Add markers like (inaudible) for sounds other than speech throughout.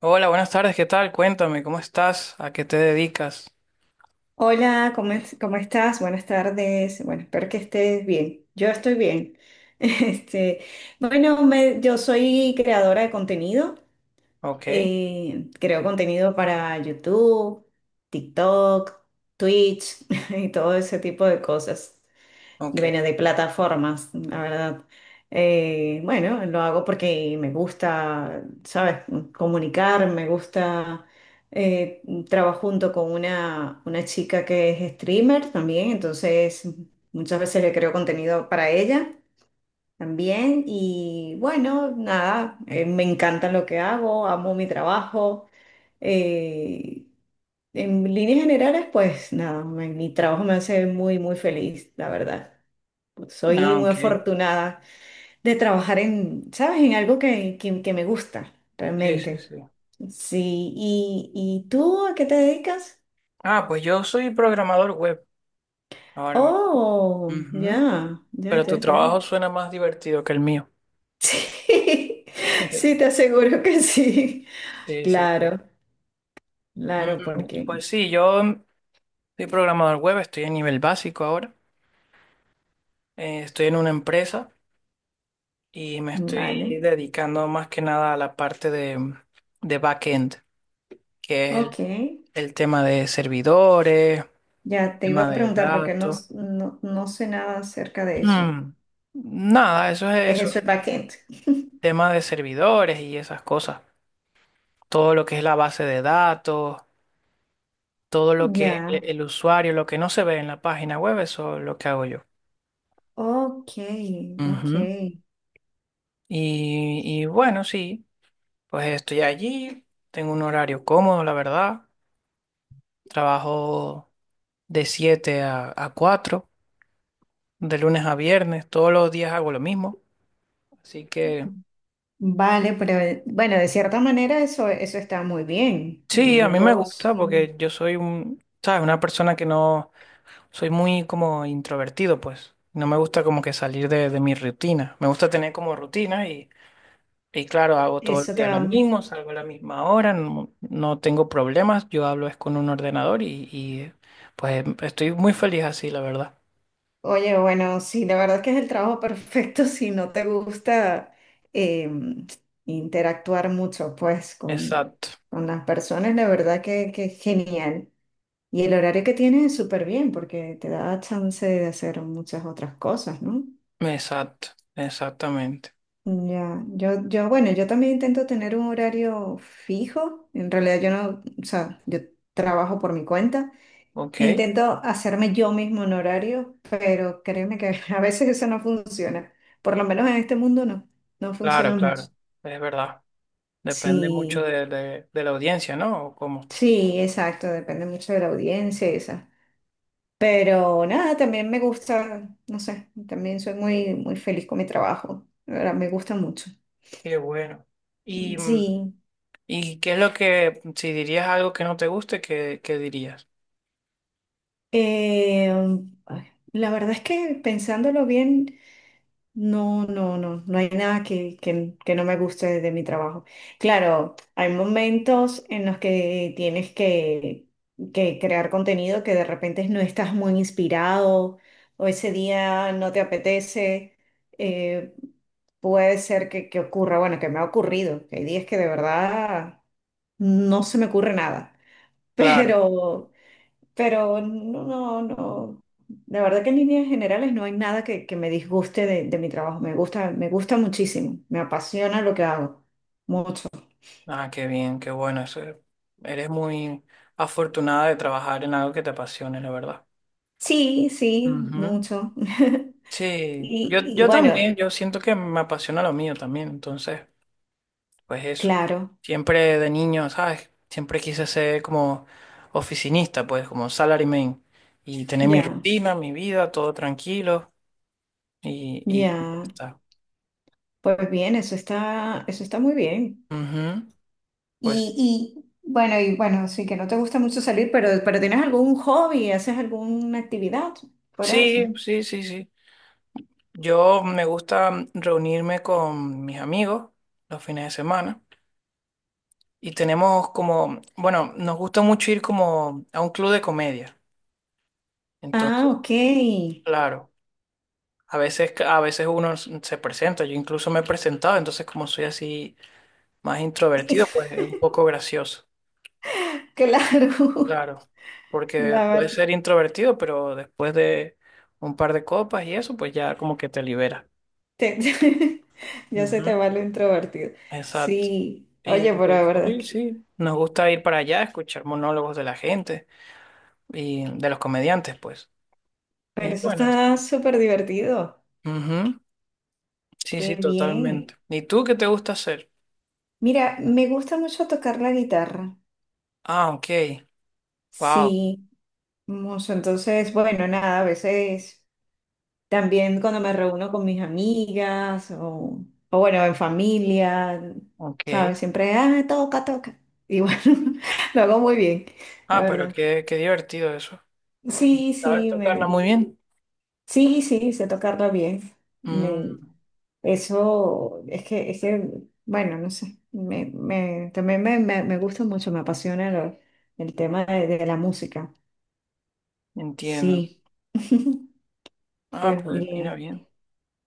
Hola, buenas tardes, ¿qué tal? Cuéntame, ¿cómo estás? ¿A qué te dedicas? Hola, ¿ cómo estás? Buenas tardes. Bueno, espero que estés bien. Yo estoy bien. (laughs) Este, bueno, yo soy creadora de contenido. Ok, Creo contenido para YouTube, TikTok, Twitch (laughs) y todo ese tipo de cosas de, ok. bueno, de plataformas, la verdad. Bueno, lo hago porque me gusta, ¿sabes? Comunicar, me gusta. eh, Trabajo junto con una chica que es streamer también, entonces muchas veces le creo contenido para ella también. Y bueno, nada, me encanta lo que hago, amo mi trabajo. eh, en líneas generales, pues nada, mi trabajo me hace muy, muy feliz, la verdad. Pues soy Ah, muy ok. afortunada de trabajar en, ¿sabes? En algo que me gusta, Sí, sí, realmente. sí. Sí, ¿ y tú a qué te dedicas? Ah, pues yo soy programador web ahora mismo. Oh, Ujú. ya, ya, Pero ya, tu ya. trabajo (laughs) suena más divertido que el mío. Sí, sí, te (laughs) aseguro que sí. Sí, sí. Claro, Mm, claro, porque, Pues sí, yo soy programador web, estoy a nivel básico ahora. Estoy en una empresa y me estoy vale, dedicando más que nada a la parte de backend, que es ok. el tema de servidores. Ya te iba Tema a de preguntar porque datos. No, no sé nada acerca de eso. Mm. Nada, eso es ¿Es eso. eso el backend? Tema de servidores y esas cosas. Todo lo que es la base de datos, todo lo que Ya, el usuario, lo que no se ve en la página web, eso es lo que hago yo. ok, ok. Ujú. Y bueno, sí, pues estoy allí, tengo un horario cómodo, la verdad. Trabajo de 7 a 4, de lunes a viernes, todos los días hago lo mismo. Así que... Vale, pero bueno, de cierta manera eso, eso está muy bien. Sí, a mí me Yo gusta sí, porque yo soy un, ¿sabes? Una persona que no, soy muy como introvertido, pues. No me gusta como que salir de mi rutina. Me gusta tener como rutina y claro, hago todo el eso te día lo va. mismo, salgo a la misma hora, no, no tengo problemas, yo hablo es con un ordenador y pues estoy muy feliz así, la verdad. Oye, bueno, sí, la verdad es que es el trabajo perfecto (laughs) si no te gusta eh, interactuar mucho, pues, Exacto, con las personas, la verdad que es genial. Y el horario que tienes es súper bien porque te da chance de hacer muchas otras cosas, ¿no? exacto, exactamente. Ya, yo, bueno, yo también intento tener un horario fijo. En realidad yo no, o sea, yo trabajo por mi cuenta. Ok, Intento hacerme yo mismo un horario, pero créeme que (laughs) a veces eso no funciona. Por lo menos en este mundo no, no claro, funciona mucho. claro, es verdad. Depende mucho Sí, de la audiencia, ¿no? ¿O cómo? sí, exacto, depende mucho de la audiencia y esa. Pero nada, también me gusta, no sé, también soy muy, muy feliz con mi trabajo. La verdad, me gusta mucho. Qué bueno. ¿Y, Sí. y qué es lo que, si dirías algo que no te guste, qué, qué dirías? Eh, Ay, la verdad es que pensándolo bien, no, no, no, no hay nada que, que no me guste de mi trabajo. Claro, hay momentos en los que tienes que crear contenido, que de repente no estás muy inspirado o ese día no te apetece. eh, Puede ser que ocurra, bueno, que me ha ocurrido, que hay días que de verdad no se me ocurre nada, (laughs) Claro. pero... Pero no, no, no. La verdad que en líneas generales no hay nada que, que me disguste de mi trabajo. Me gusta muchísimo. Me apasiona lo que hago. Mucho. Ah, qué bien, qué bueno. Eso, eres muy afortunada de trabajar en algo que te apasione, la verdad. Sí, sí, Ujú. mucho. (laughs) Sí, Y, yo, y yo bueno, también, yo siento que me apasiona lo mío también, entonces, pues eso. claro, Siempre de niño, ¿sabes? Siempre quise ser como oficinista, pues como salaryman y tener mi ya, rutina, mi vida, todo tranquilo y ya ya. está. Pues bien, eso está muy bien. Ujú. Pues Y bueno, sí, que no te gusta mucho salir, pero ¿tienes algún hobby? ¿Haces alguna actividad fuera de eso? sí, sí, sí, sí. Yo me gusta reunirme con mis amigos los fines de semana y tenemos como, bueno, nos gusta mucho ir como a un club de comedia. Ah, Entonces, ok. claro, a veces uno se presenta, yo incluso me he presentado, entonces como soy así más introvertido, pues (laughs) es un poco gracioso. Claro. Claro, porque La puedes verdad, ser introvertido, pero después de un par de copas y eso, pues ya como que te libera. (laughs) ya se te va lo introvertido. Exacto. Sí, Y oye, pero de la verdad, hobby, que- sí, nos gusta ir para allá, escuchar monólogos de la gente y de los comediantes, pues. pero Y eso bueno, está súper divertido. ujú. Sí, sí, Qué bien. totalmente. ¿Y tú qué te gusta hacer? Mira, me gusta mucho tocar la guitarra. Ah, ok. Wow, Sí, mucho. Entonces, bueno, nada, a veces también cuando me reúno con mis amigas o bueno, en familia, ok. ¿sabes? Siempre, ah, toca, toca. Y bueno, (laughs) lo hago muy bien, la Ah, pero verdad. qué, qué divertido eso. Sí, ¿Sabes sí, tocarla me, muy bien? sí, sí, sé tocarla bien. Me, Mm, eso es que, bueno, no sé, también me gusta mucho, me apasiona el tema de la música. entiendo. Sí, (laughs) Ah, pues pues mira bien, bien.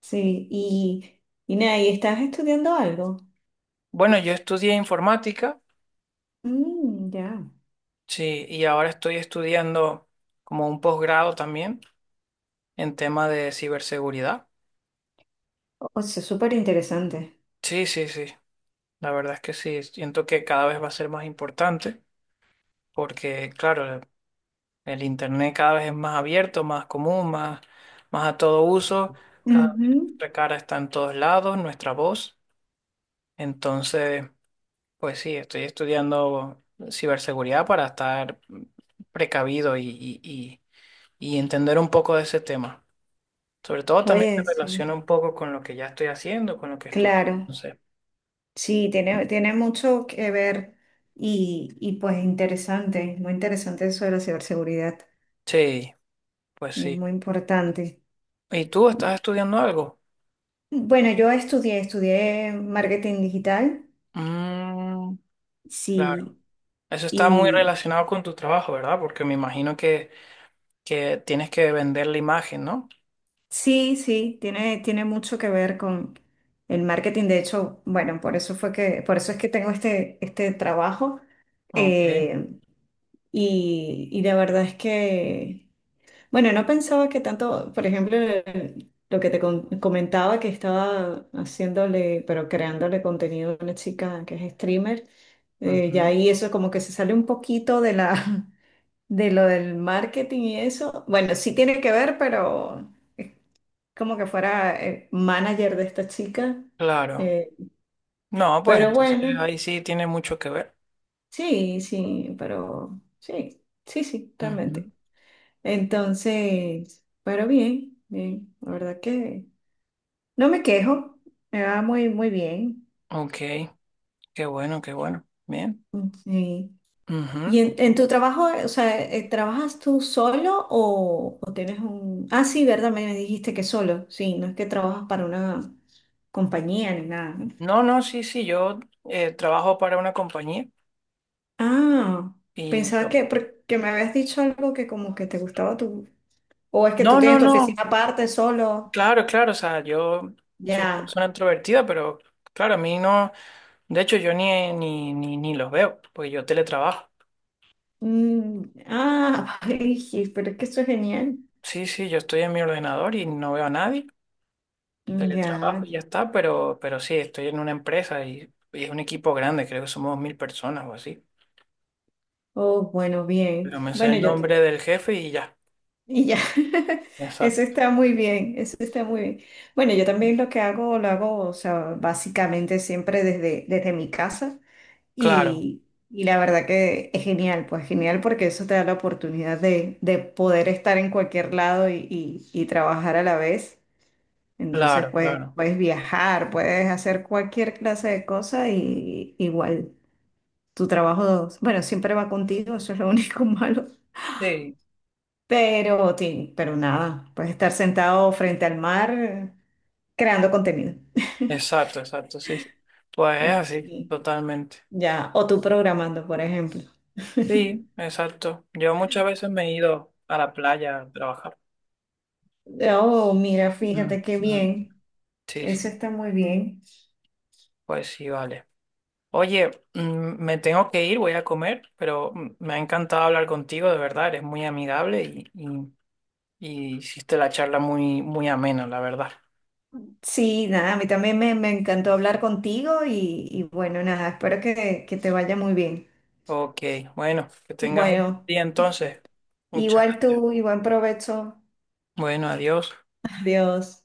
sí. Y nada, ¿y estás estudiando algo? Bueno, yo estudié informática, Mm, ya, sí, y ahora estoy estudiando como un posgrado también en tema de ciberseguridad. o sea, súper interesante. Sí, sí, sí. La verdad es que sí, siento que cada vez va a ser más importante porque, claro, el Internet cada vez es más abierto, más común, más, más a todo uso. Cada vez Ujú. nuestra cara está en todos lados, nuestra voz. Entonces, pues sí, estoy estudiando ciberseguridad para estar precavido y entender un poco de ese tema. Sobre todo también se Oye, sí, relaciona un poco con lo que ya estoy haciendo, con lo que estudio. claro. Entonces, Sí, tiene, tiene mucho que ver y pues interesante, muy interesante eso de la ciberseguridad, sí, pues es sí. muy importante. ¿Y tú estás estudiando algo? Bueno, yo estudié, estudié marketing digital, Mm, claro. sí, Eso está muy y relacionado con tu trabajo, ¿verdad? Porque me imagino que tienes que vender la imagen, ¿no? sí, sí, tiene, tiene mucho que ver con el marketing. De hecho, bueno, por eso fue que, por eso es que tengo este, este trabajo. Ok. eh, y, y la verdad es que bueno, no pensaba que tanto, por ejemplo, lo que te comentaba, que estaba haciéndole, pero creándole contenido a una chica que es streamer, ya Ujú. ahí eso como que se sale un poquito de la, (laughs) de lo del marketing y eso. Bueno, sí tiene que ver, pero es como que fuera manager de esta chica. Claro. eh, No, pues pero entonces bueno, ahí sí tiene mucho que ver. sí, sí, pero sí, sí, sí, Ujú. realmente. Entonces, pero bien, bien, la verdad que... No me quejo, me va muy, muy bien. Ok, qué bueno, qué bueno. Bien. Mm, sí. ¿Y Ujú. En tu trabajo, o sea, trabajas tú solo o tienes un... Ah, sí, ¿verdad? Me dijiste que solo, sí, no, es que trabajas para una compañía ni nada, ¿no? No, no, sí, sí, yo trabajo para una compañía Ah, y... pensaba que, porque me habías dicho algo, que como que te gustaba tu... O es que tú No, no, tienes tu no. oficina aparte, solo, Claro, claro, o sea, yo soy una ya. persona introvertida, pero claro, a mí no, de hecho yo ni los veo, porque yo teletrabajo. Mm, ah, (laughs) ay, sí, pero es que eso es genial. Sí, sí, yo estoy en mi ordenador y no veo a nadie, teletrabajo Ya. y ya está, pero sí, estoy en una empresa y es un equipo grande, creo que somos 1000 personas o así. Oh, bueno, bien. Pero me sé Bueno, el yo, nombre del jefe y ya, y ya, (laughs) eso exacto. está muy bien, eso está muy bien. Bueno, yo también lo que hago, lo hago, o sea, básicamente siempre desde, desde mi casa Claro, y, y la verdad que es genial, pues genial, porque eso te da la oportunidad de poder estar en cualquier lado y, y trabajar a la vez. Entonces, claro, pues claro. puedes viajar, puedes hacer cualquier clase de cosa y igual tu trabajo, bueno, siempre va contigo, eso es lo único (laughs) malo, Sí, pero, ti- pero nada, puedes estar sentado frente al mar, creando contenido. exacto, exacto, sí. Pues es así, Sí, totalmente. ya, o tú programando, por ejemplo. (laughs) Sí, exacto. Yo muchas veces me he ido a la playa a trabajar. Oh, mira, fíjate Mm, qué mm. bien. Sí, sí, Eso está muy bien. pues sí, vale. Oye, me tengo que ir, voy a comer, pero me ha encantado hablar contigo, de verdad, eres muy amigable y hiciste la charla muy, muy amena, la verdad. Sí, nada, a mí también me encantó hablar contigo y bueno, nada, espero que te vaya muy bien. Ok, bueno, que tengas un buen Bueno, día entonces. Muchas igual gracias. tú y buen provecho. Bueno, adiós. Adiós.